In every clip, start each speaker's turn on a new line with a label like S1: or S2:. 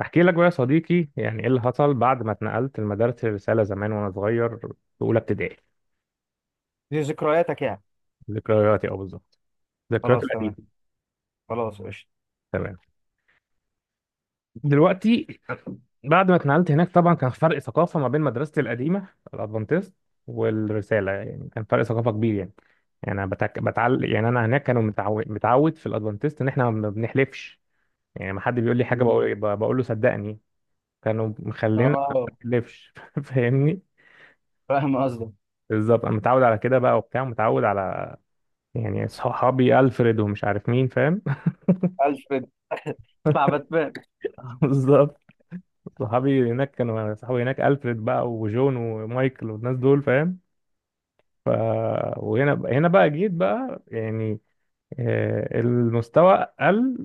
S1: احكي لك بقى يا صديقي يعني ايه اللي حصل بعد ما اتنقلت لمدارس الرساله زمان وانا صغير في اولى ابتدائي.
S2: دي ذكرياتك يعني.
S1: ذكرياتي او بالظبط ذكرياتي
S2: خلاص تمام.
S1: القديمه.
S2: خلاص قشطة.
S1: تمام. دلوقتي بعد ما اتنقلت هناك طبعا كان فرق ثقافه ما بين مدرستي القديمه الادفانتست والرساله، يعني كان فرق ثقافه كبير يعني. يعني انا يعني انا هناك كانوا متعود في الادفانتست ان احنا ما بنحلفش، يعني ما حد بيقول لي حاجه
S2: مم.
S1: بقول له صدقني. كانوا مخلينا ما
S2: اه،
S1: نحلفش فاهمني.
S2: فاهم قصدك.
S1: بالظبط انا متعود على كده بقى وبتاع متعود على، يعني صحابي ألفريد ومش عارف مين فاهم.
S2: الفريد بتاع باتمان.
S1: بالظبط. صحابي هناك كانوا، صحابي هناك ألفريد بقى وجون ومايكل والناس دول فاهم. ف، وهنا بقى جيت بقى يعني المستوى قل.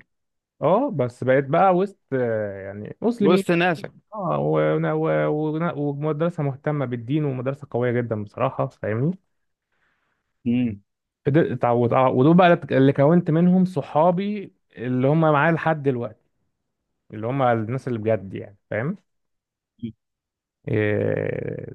S1: اه بس بقيت بقى وسط، يعني مسلمين.
S2: وسط ناسك.
S1: اه ومدرسة مهتمة بالدين ومدرسة قوية جدا بصراحة فاهمني.
S2: مم.
S1: ودول بقى اللي كونت منهم صحابي اللي هم معايا لحد دلوقتي، اللي هم الناس اللي بجد يعني فاهم. إيه،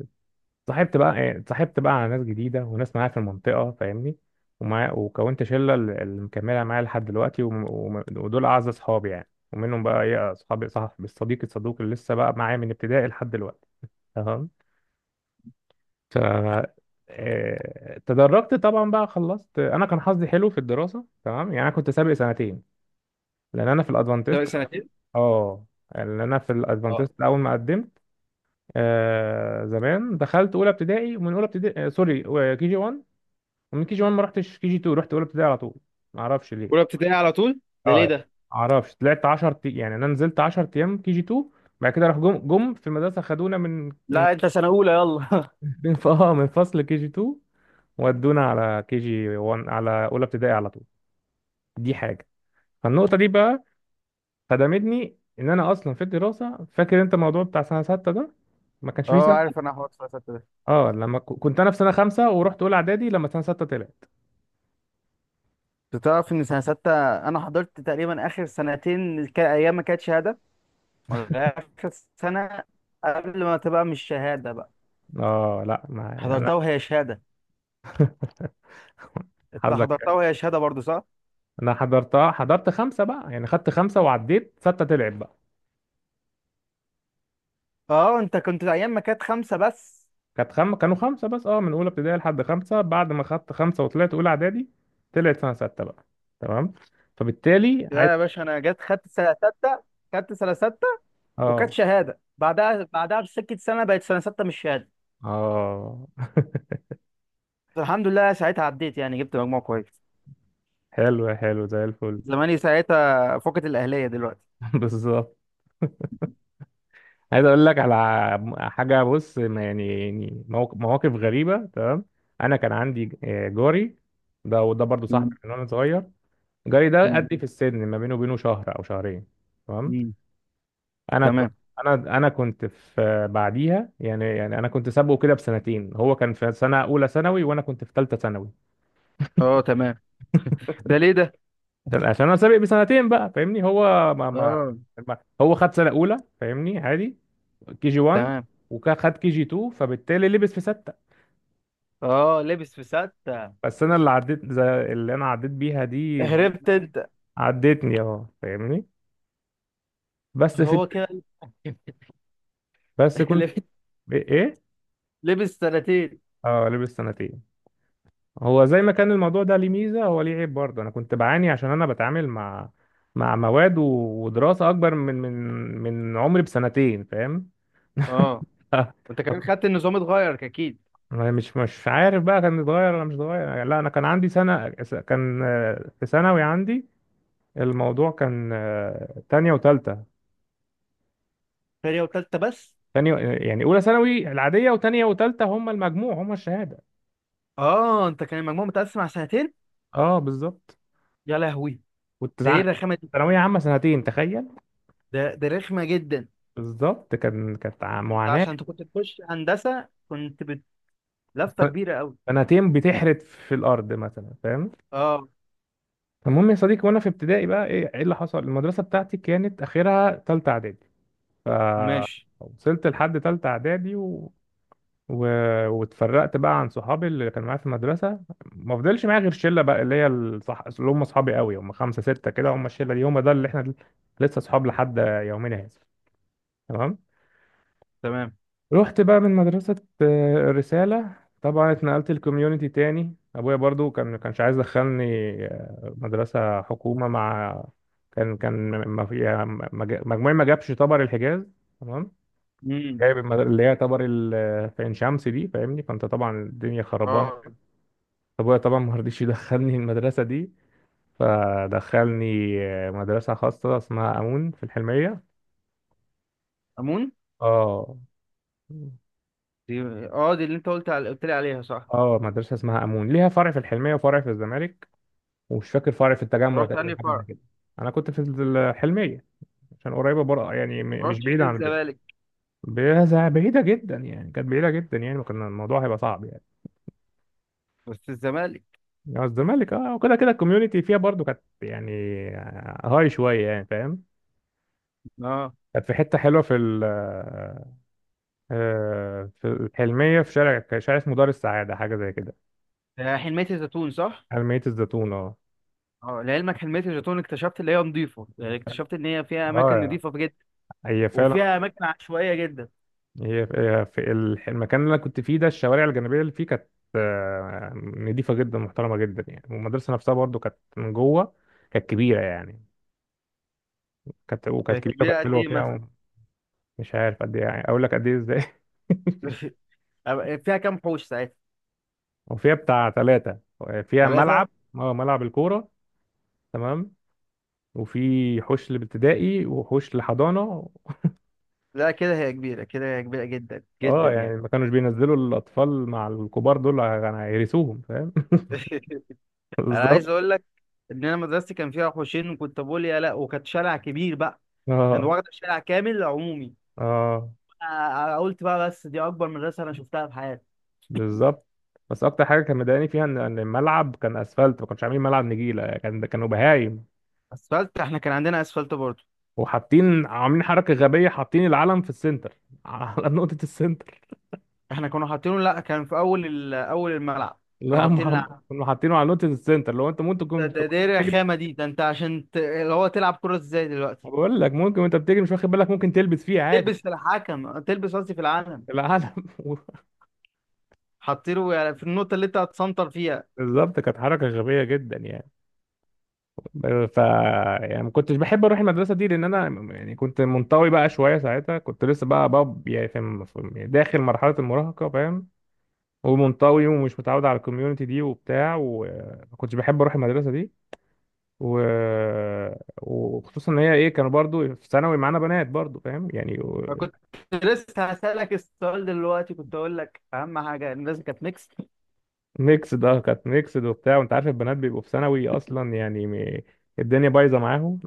S1: اتصاحبت بقى، إيه، اتصاحبت بقى على ناس جديدة وناس معايا في المنطقة فاهمني. ومع وكونت شلة اللي مكملة معايا لحد دلوقتي ودول أعز أصحابي يعني. ومنهم بقى إيه أصحابي صاحب الصديق الصدوق اللي لسه بقى معايا من ابتدائي لحد دلوقتي. تمام. ف، إيه، تدرجت طبعا بقى خلصت. أنا كان حظي حلو في الدراسة تمام. يعني أنا كنت سابق سنتين لأن أنا في
S2: طب
S1: الأدفانتست.
S2: سنتين؟
S1: أه. لأن أنا في
S2: آه.
S1: الأدفانتست أول ما قدمت، آه زمان دخلت اولى ابتدائي. ومن اولى ابتدائي آه سوري، آه، كي جي 1. ومن كي جي 1 ما رحتش كي جي 2، رحت اولى ابتدائي على طول. ما اعرفش ليه.
S2: اولى ابتدائي على طول، ده
S1: اه
S2: ليه
S1: ما
S2: ده؟
S1: اعرفش طلعت 10، يعني انا نزلت 10 ايام كي جي 2 بعد كده، راح جم في المدرسه، خدونا من
S2: لا، انت سنة أولى، يلا.
S1: آه، من فصل كي جي 2 ودونا على كي جي 1 على اولى ابتدائي على طول. دي حاجه. فالنقطه دي بقى خدمتني ان انا اصلا في الدراسه. فاكر انت الموضوع بتاع سنه سته ده؟ ما كانش فيه
S2: اه،
S1: سنه.
S2: عارف انا حوار سنه سته ده.
S1: اه، لما كنت انا في سنه خمسه ورحت اولى اعدادي لما سنه سته طلع.
S2: انت تعرف ان سنه سته، انا حضرت تقريبا اخر سنتين ايام ما كانت شهاده، ولا اخر سنه قبل ما تبقى مش شهاده بقى.
S1: اه لا، ما يعني، لا انا.
S2: حضرتها وهي شهاده. انت
S1: حظك
S2: حضرتها
S1: حلو.
S2: وهي شهاده برضو، صح؟
S1: انا حضرتها حضرت خمسه بقى، يعني خدت خمسه وعديت سته تلعب بقى.
S2: اه، انت كنت ايام ما كانت خمسه بس.
S1: كانوا خمسه بس، اه من اولى ابتدائي لحد خمسه. بعد ما خدت خمسه وطلعت اولى اعدادي طلعت سنه سته بقى. تمام. فبالتالي عايز.
S2: لا يا باشا، انا جت خدت سنه سته. خدت سنه سته، وكانت
S1: اه.
S2: شهاده بعدها. بسكه سنه بقت سنه سته مش شهاده.
S1: اه.
S2: الحمد لله ساعتها عديت يعني، جبت مجموع كويس.
S1: حلو حلو زي الفل.
S2: زماني ساعتها فقد الاهليه دلوقتي.
S1: بالظبط. عايز اقول لك على حاجه. بص ما يعني، يعني مواقف غريبه. تمام. انا كان عندي، آه، جاري ده، وده برضو صاحبي
S2: مم.
S1: من وانا صغير. جاري ده
S2: مم.
S1: قدي في السن، ما بينه وبينه شهر او شهرين. تمام.
S2: مم.
S1: انا كنت،
S2: تمام.
S1: انا كنت في بعديها، يعني، يعني انا كنت سابقه كده بسنتين. هو كان في سنه اولى ثانوي وانا كنت في ثالثه ثانوي.
S2: اه، تمام. ده ليه ده؟
S1: عشان انا سابق بسنتين بقى فاهمني. هو ما
S2: اه،
S1: هو خد سنه اولى فاهمني عادي، كي جي 1
S2: تمام.
S1: وخد كي جي 2 فبالتالي لبس في سته.
S2: اه، لبس في سته.
S1: بس انا اللي عديت، زي اللي انا عديت بيها دي
S2: هربت انت.
S1: عدتني اه فاهمني. بس في،
S2: هو كده.
S1: بس كنت.
S2: لبس
S1: ايه.
S2: لبس سنتين.
S1: اه لبس سنتين. هو زي ما كان الموضوع ده ليه ميزة، هو ليه عيب برضه. أنا كنت بعاني عشان أنا بتعامل مع، مع مواد ودراسة أكبر من من عمري بسنتين فاهم.
S2: اه، انت كمان خدت النظام اتغير اكيد.
S1: أنا مش عارف بقى كان اتغير ولا مش اتغير. لا أنا كان عندي سنة. كان، آه، في ثانوي عندي الموضوع كان، آه، تانية وتالتة.
S2: تانية وتالتة بس؟
S1: تانية. يعني أولى ثانوي العادية، وتانية وتالتة هما المجموع هما الشهادة.
S2: اه، انت كان المجموع متقسم على سنتين؟
S1: أه بالظبط.
S2: يا لهوي، ده ايه
S1: والتسعة
S2: الرخامه؟
S1: ثانوية عامة سنتين تخيل.
S2: ده رخمة جدا.
S1: بالظبط كان، كانت
S2: انت
S1: معاناة.
S2: عشان انت كنت تخش هندسة كنت لفة كبيرة قوي.
S1: سنتين بتحرت في الارض مثلا فاهم.
S2: اه.
S1: المهم يا صديقي وانا في ابتدائي بقى، ايه إيه اللي حصل؟ المدرسه بتاعتي كانت اخرها تالتة اعدادي،
S2: ماشي.
S1: فوصلت لحد تالتة اعدادي و... و... واتفرقت بقى عن صحابي اللي كانوا معايا في المدرسه. ما فضلش معايا غير شله بقى اللي هي اللي هم اصحابي قوي، هم خمسه سته كده، هم الشله دي هم ده اللي احنا لسه اصحاب لحد يومنا هذا. تمام.
S2: تمام.
S1: رحت بقى من مدرسة، آه، الرسالة. طبعا اتنقلت الكوميونيتي تاني. ابويا برضو كان ما كانش عايز يدخلني، آه، مدرسة حكومة مع. كان، ما في يعني، ما جا- مجموعي ما جابش طبر الحجاز. تمام.
S2: امم.
S1: جايب اللي هي طبر آه، في عين شمس دي فاهمني. فانت طبعا الدنيا خربانة.
S2: اه،
S1: ابويا طبعا ما رضيش يدخلني المدرسة دي، فدخلني، آه، مدرسة خاصة اسمها امون في الحلمية.
S2: امون
S1: اه.
S2: دي. اه، دي اللي انت قلت لي عليها، صح؟
S1: اه مدرسة اسمها امون، ليها فرع في الحلمية وفرع في الزمالك، ومش فاكر فرع في التجمع
S2: رحت
S1: تقريبا،
S2: انهي
S1: حاجه
S2: فرع؟
S1: زي كده. انا كنت في الحلميه عشان قريبه بره، يعني مش
S2: رحتش
S1: بعيده عن البيت.
S2: للزمالك؟
S1: بعيده جدا يعني، كانت بعيده جدا يعني، وكان الموضوع هيبقى صعب يعني.
S2: بس الزمالك.
S1: يعني الزمالك، اه. وكده كده الكوميونتي فيها برضو كانت يعني هاي شويه يعني فاهم.
S2: اه.
S1: كانت في حته حلوه في آه، في الحلميه، في شارع، شارع اسمه دار السعاده حاجه زي كده.
S2: ده حلمية الزيتون، صح؟
S1: حلميه الزيتون اه.
S2: اه، لعلمك حلمية الزيتون اكتشفت اللي هي نظيفة، يعني اكتشفت ان هي فيها اماكن
S1: اه
S2: نظيفة جدا.
S1: هي فعلا.
S2: وفيها اماكن عشوائية جدا.
S1: هي هي في المكان اللي انا كنت فيه ده، الشوارع الجانبيه اللي فيه كانت، آه، نضيفه جدا محترمه جدا يعني. والمدرسه نفسها برضو كانت من جوه كانت كبيره يعني. كانت، وكانت
S2: كانت
S1: كبيره
S2: كبيرة
S1: وكانت
S2: قد
S1: حلوه
S2: ايه مثلا؟
S1: فيها. مش عارف قد ايه يعني، اقول لك قد ايه ازاي؟
S2: فيها كام حوش ساعتها؟
S1: وفيها بتاع ثلاثه. فيها
S2: ثلاثة؟
S1: ملعب، اه ملعب الكوره. تمام. وفي حوش لابتدائي وحوش لحضانه.
S2: لا كده هي كبيرة، كده هي كبيرة جدا جدا
S1: اه يعني
S2: يعني.
S1: ما كانوش بينزلوا الاطفال مع الكبار دول يعني هيرثوهم فاهم.
S2: انا عايز
S1: بالظبط.
S2: اقول لك ان انا مدرستي كان فيها حوشين وكنت بقول يا لا، وكانت شارع كبير بقى. كان
S1: اه.
S2: واخد شارع كامل عمومي.
S1: اه
S2: أنا قلت بقى بس دي اكبر مدرسة انا شفتها في حياتي.
S1: بالظبط. بس اكتر حاجه كان مضايقاني فيها ان إن الملعب كان اسفلت، ما كانش عاملين ملعب نجيله يعني، كان كانوا بهايم.
S2: اسفلت؟ احنا كان عندنا اسفلت برضه.
S1: وحاطين عاملين حركه غبيه حاطين العلم في السنتر على نقطه السنتر.
S2: احنا كنا حاطينه، لا كان في اول الملعب. كانوا
S1: لا ما
S2: حاطين
S1: هم
S2: لعب.
S1: كانوا حاطينه على نقطه السنتر، لو انت ممكن تكون أنت وأنت
S2: ده ايه
S1: بتجري.
S2: الرخامة دي؟ ده انت عشان اللي هو تلعب كرة ازاي دلوقتي؟
S1: بقول لك ممكن وانت بتجري مش واخد بالك ممكن تلبس فيه عادي.
S2: تلبس في الحكم، تلبس قصدي في العالم.
S1: العلم.
S2: حاطينه يعني في النقطة اللي انت هتسنطر فيها.
S1: بالظبط كانت حركه غبيه جدا يعني. ف يعني ما كنتش بحب اروح المدرسه دي لان انا، يعني كنت منطوي بقى شويه ساعتها. كنت لسه بقى باب يعني في داخل مرحله المراهقه فاهم. ومنطوي ومش متعود على الكوميونتي دي وبتاع، وما كنتش بحب اروح المدرسه دي و... وخصوصا ان هي ايه، كانوا برضو في ثانوي معانا بنات برضو فاهم يعني و...
S2: أنا كنت لسه هسألك السؤال دلوقتي، كنت أقول لك أهم حاجة إن لازم كانت ميكس.
S1: ميكس ده. كانت ميكس ده وبتاع. وانت عارف البنات بيبقوا في ثانوي اصلا يعني م... الدنيا بايظه معاهم.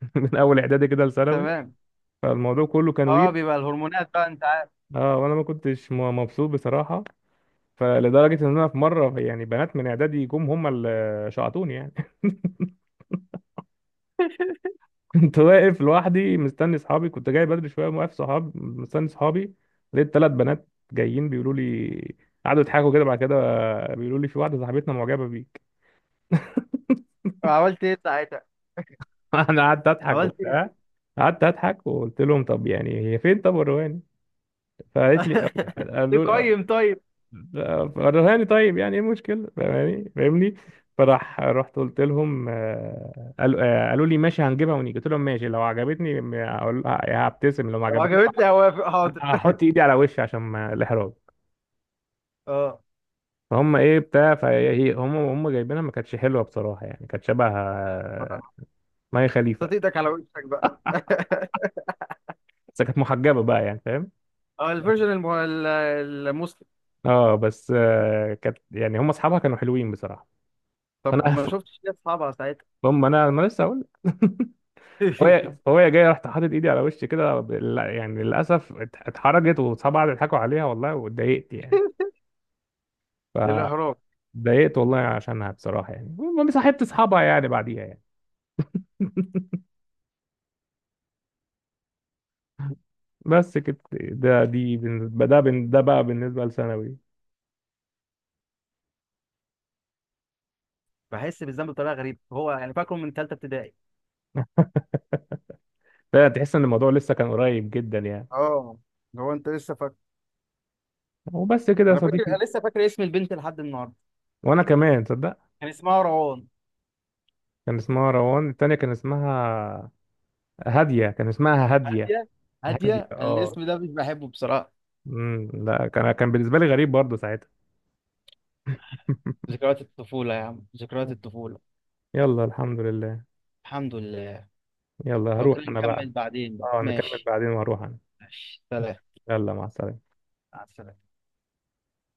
S1: من اول اعدادي كده لثانوي.
S2: تمام.
S1: فالموضوع كله كان
S2: أه،
S1: ويل.
S2: بيبقى الهرمونات بقى أنت عارف.
S1: اه وانا ما كنتش مبسوط بصراحه. فلدرجه ان انا في مره يعني بنات من اعدادي جم هم اللي شعطوني يعني. كنت واقف لوحدي مستني صحابي، كنت جاي بدري شويه، واقف صحابي مستني صحابي. لقيت ثلاث بنات جايين بيقولوا لي، قعدوا يضحكوا كده، بعد كده بيقولوا لي في واحده صاحبتنا معجبه بيك.
S2: عملت إيه ساعتها؟
S1: انا قعدت اضحك
S2: عملت إيه؟
S1: وبتاع. قعدت اضحك وقلت لهم طب يعني هي فين، طب الرهاني. فقالت لي،
S2: إيه
S1: قالوا لي
S2: قيم طيب؟
S1: الرهاني طيب، يعني ايه المشكله فاهماني فاهمني. فراح رحت قلت لهم، آه، قالوا، آه، قالوا لي ماشي هنجيبها ونيجي، قلت لهم ماشي لو عجبتني هبتسم، لو ما
S2: لو
S1: عجبتنيش
S2: عجبتني هوافق، حاضر.
S1: هحط ايدي على وشي عشان ما الاحراج.
S2: أه،
S1: فهم ايه بتاع. فهي إيه، هم جايبينها، ما كانتش حلوه بصراحه يعني، كانت شبه، آه، مي خليفه.
S2: حطيت إيدك على وشك بقى.
S1: بس كانت محجبه بقى يعني فاهم.
S2: أه، الفيرجن المسلم.
S1: اه بس، آه، كانت يعني هم اصحابها كانوا حلوين بصراحه. فانا
S2: طب ما شفتش ليه أصحابها ساعتها؟
S1: هم انا لسه هقول. فهي فهي جايه، رحت حاطط ايدي على وشي كده يعني للاسف اتحرجت، واصحابها قعدوا يضحكوا عليها والله، واتضايقت يعني.
S2: الإهرام.
S1: فضايقت والله عشانها بصراحه يعني. المهم صاحبت اصحابها يعني بعديها يعني، بس كده. ده دي بالنسبة ده ده بقى بالنسبة لثانوي.
S2: بحس بالذنب بطريقة غريبة، هو يعني فاكره من تالتة ابتدائي.
S1: ده تحس ان الموضوع لسه كان قريب جدا يعني.
S2: أه. هو أنت لسه فاكر؟
S1: وبس كده يا
S2: أنا فاكر،
S1: صديقي.
S2: أنا لسه فاكر اسم البنت لحد النهاردة.
S1: وانا كمان تصدق
S2: كان اسمها روان.
S1: كان اسمها روان، التانية كان اسمها هادية، كان اسمها هادية.
S2: هادية.
S1: هادية
S2: هادية. أنا
S1: اه.
S2: الاسم ده مش بحبه بصراحة.
S1: لا كان، كان بالنسبة لي غريب برضه ساعتها.
S2: ذكريات الطفولة يا عم، ذكريات الطفولة.
S1: يلا الحمد لله.
S2: الحمد لله.
S1: يلا
S2: لو
S1: هروح
S2: كده
S1: انا بقى.
S2: نكمل بعدين بقى،
S1: اه نكمل
S2: ماشي.
S1: بعدين وهروح انا.
S2: ماشي، سلام.
S1: يلا مع السلامة.
S2: مع السلامة.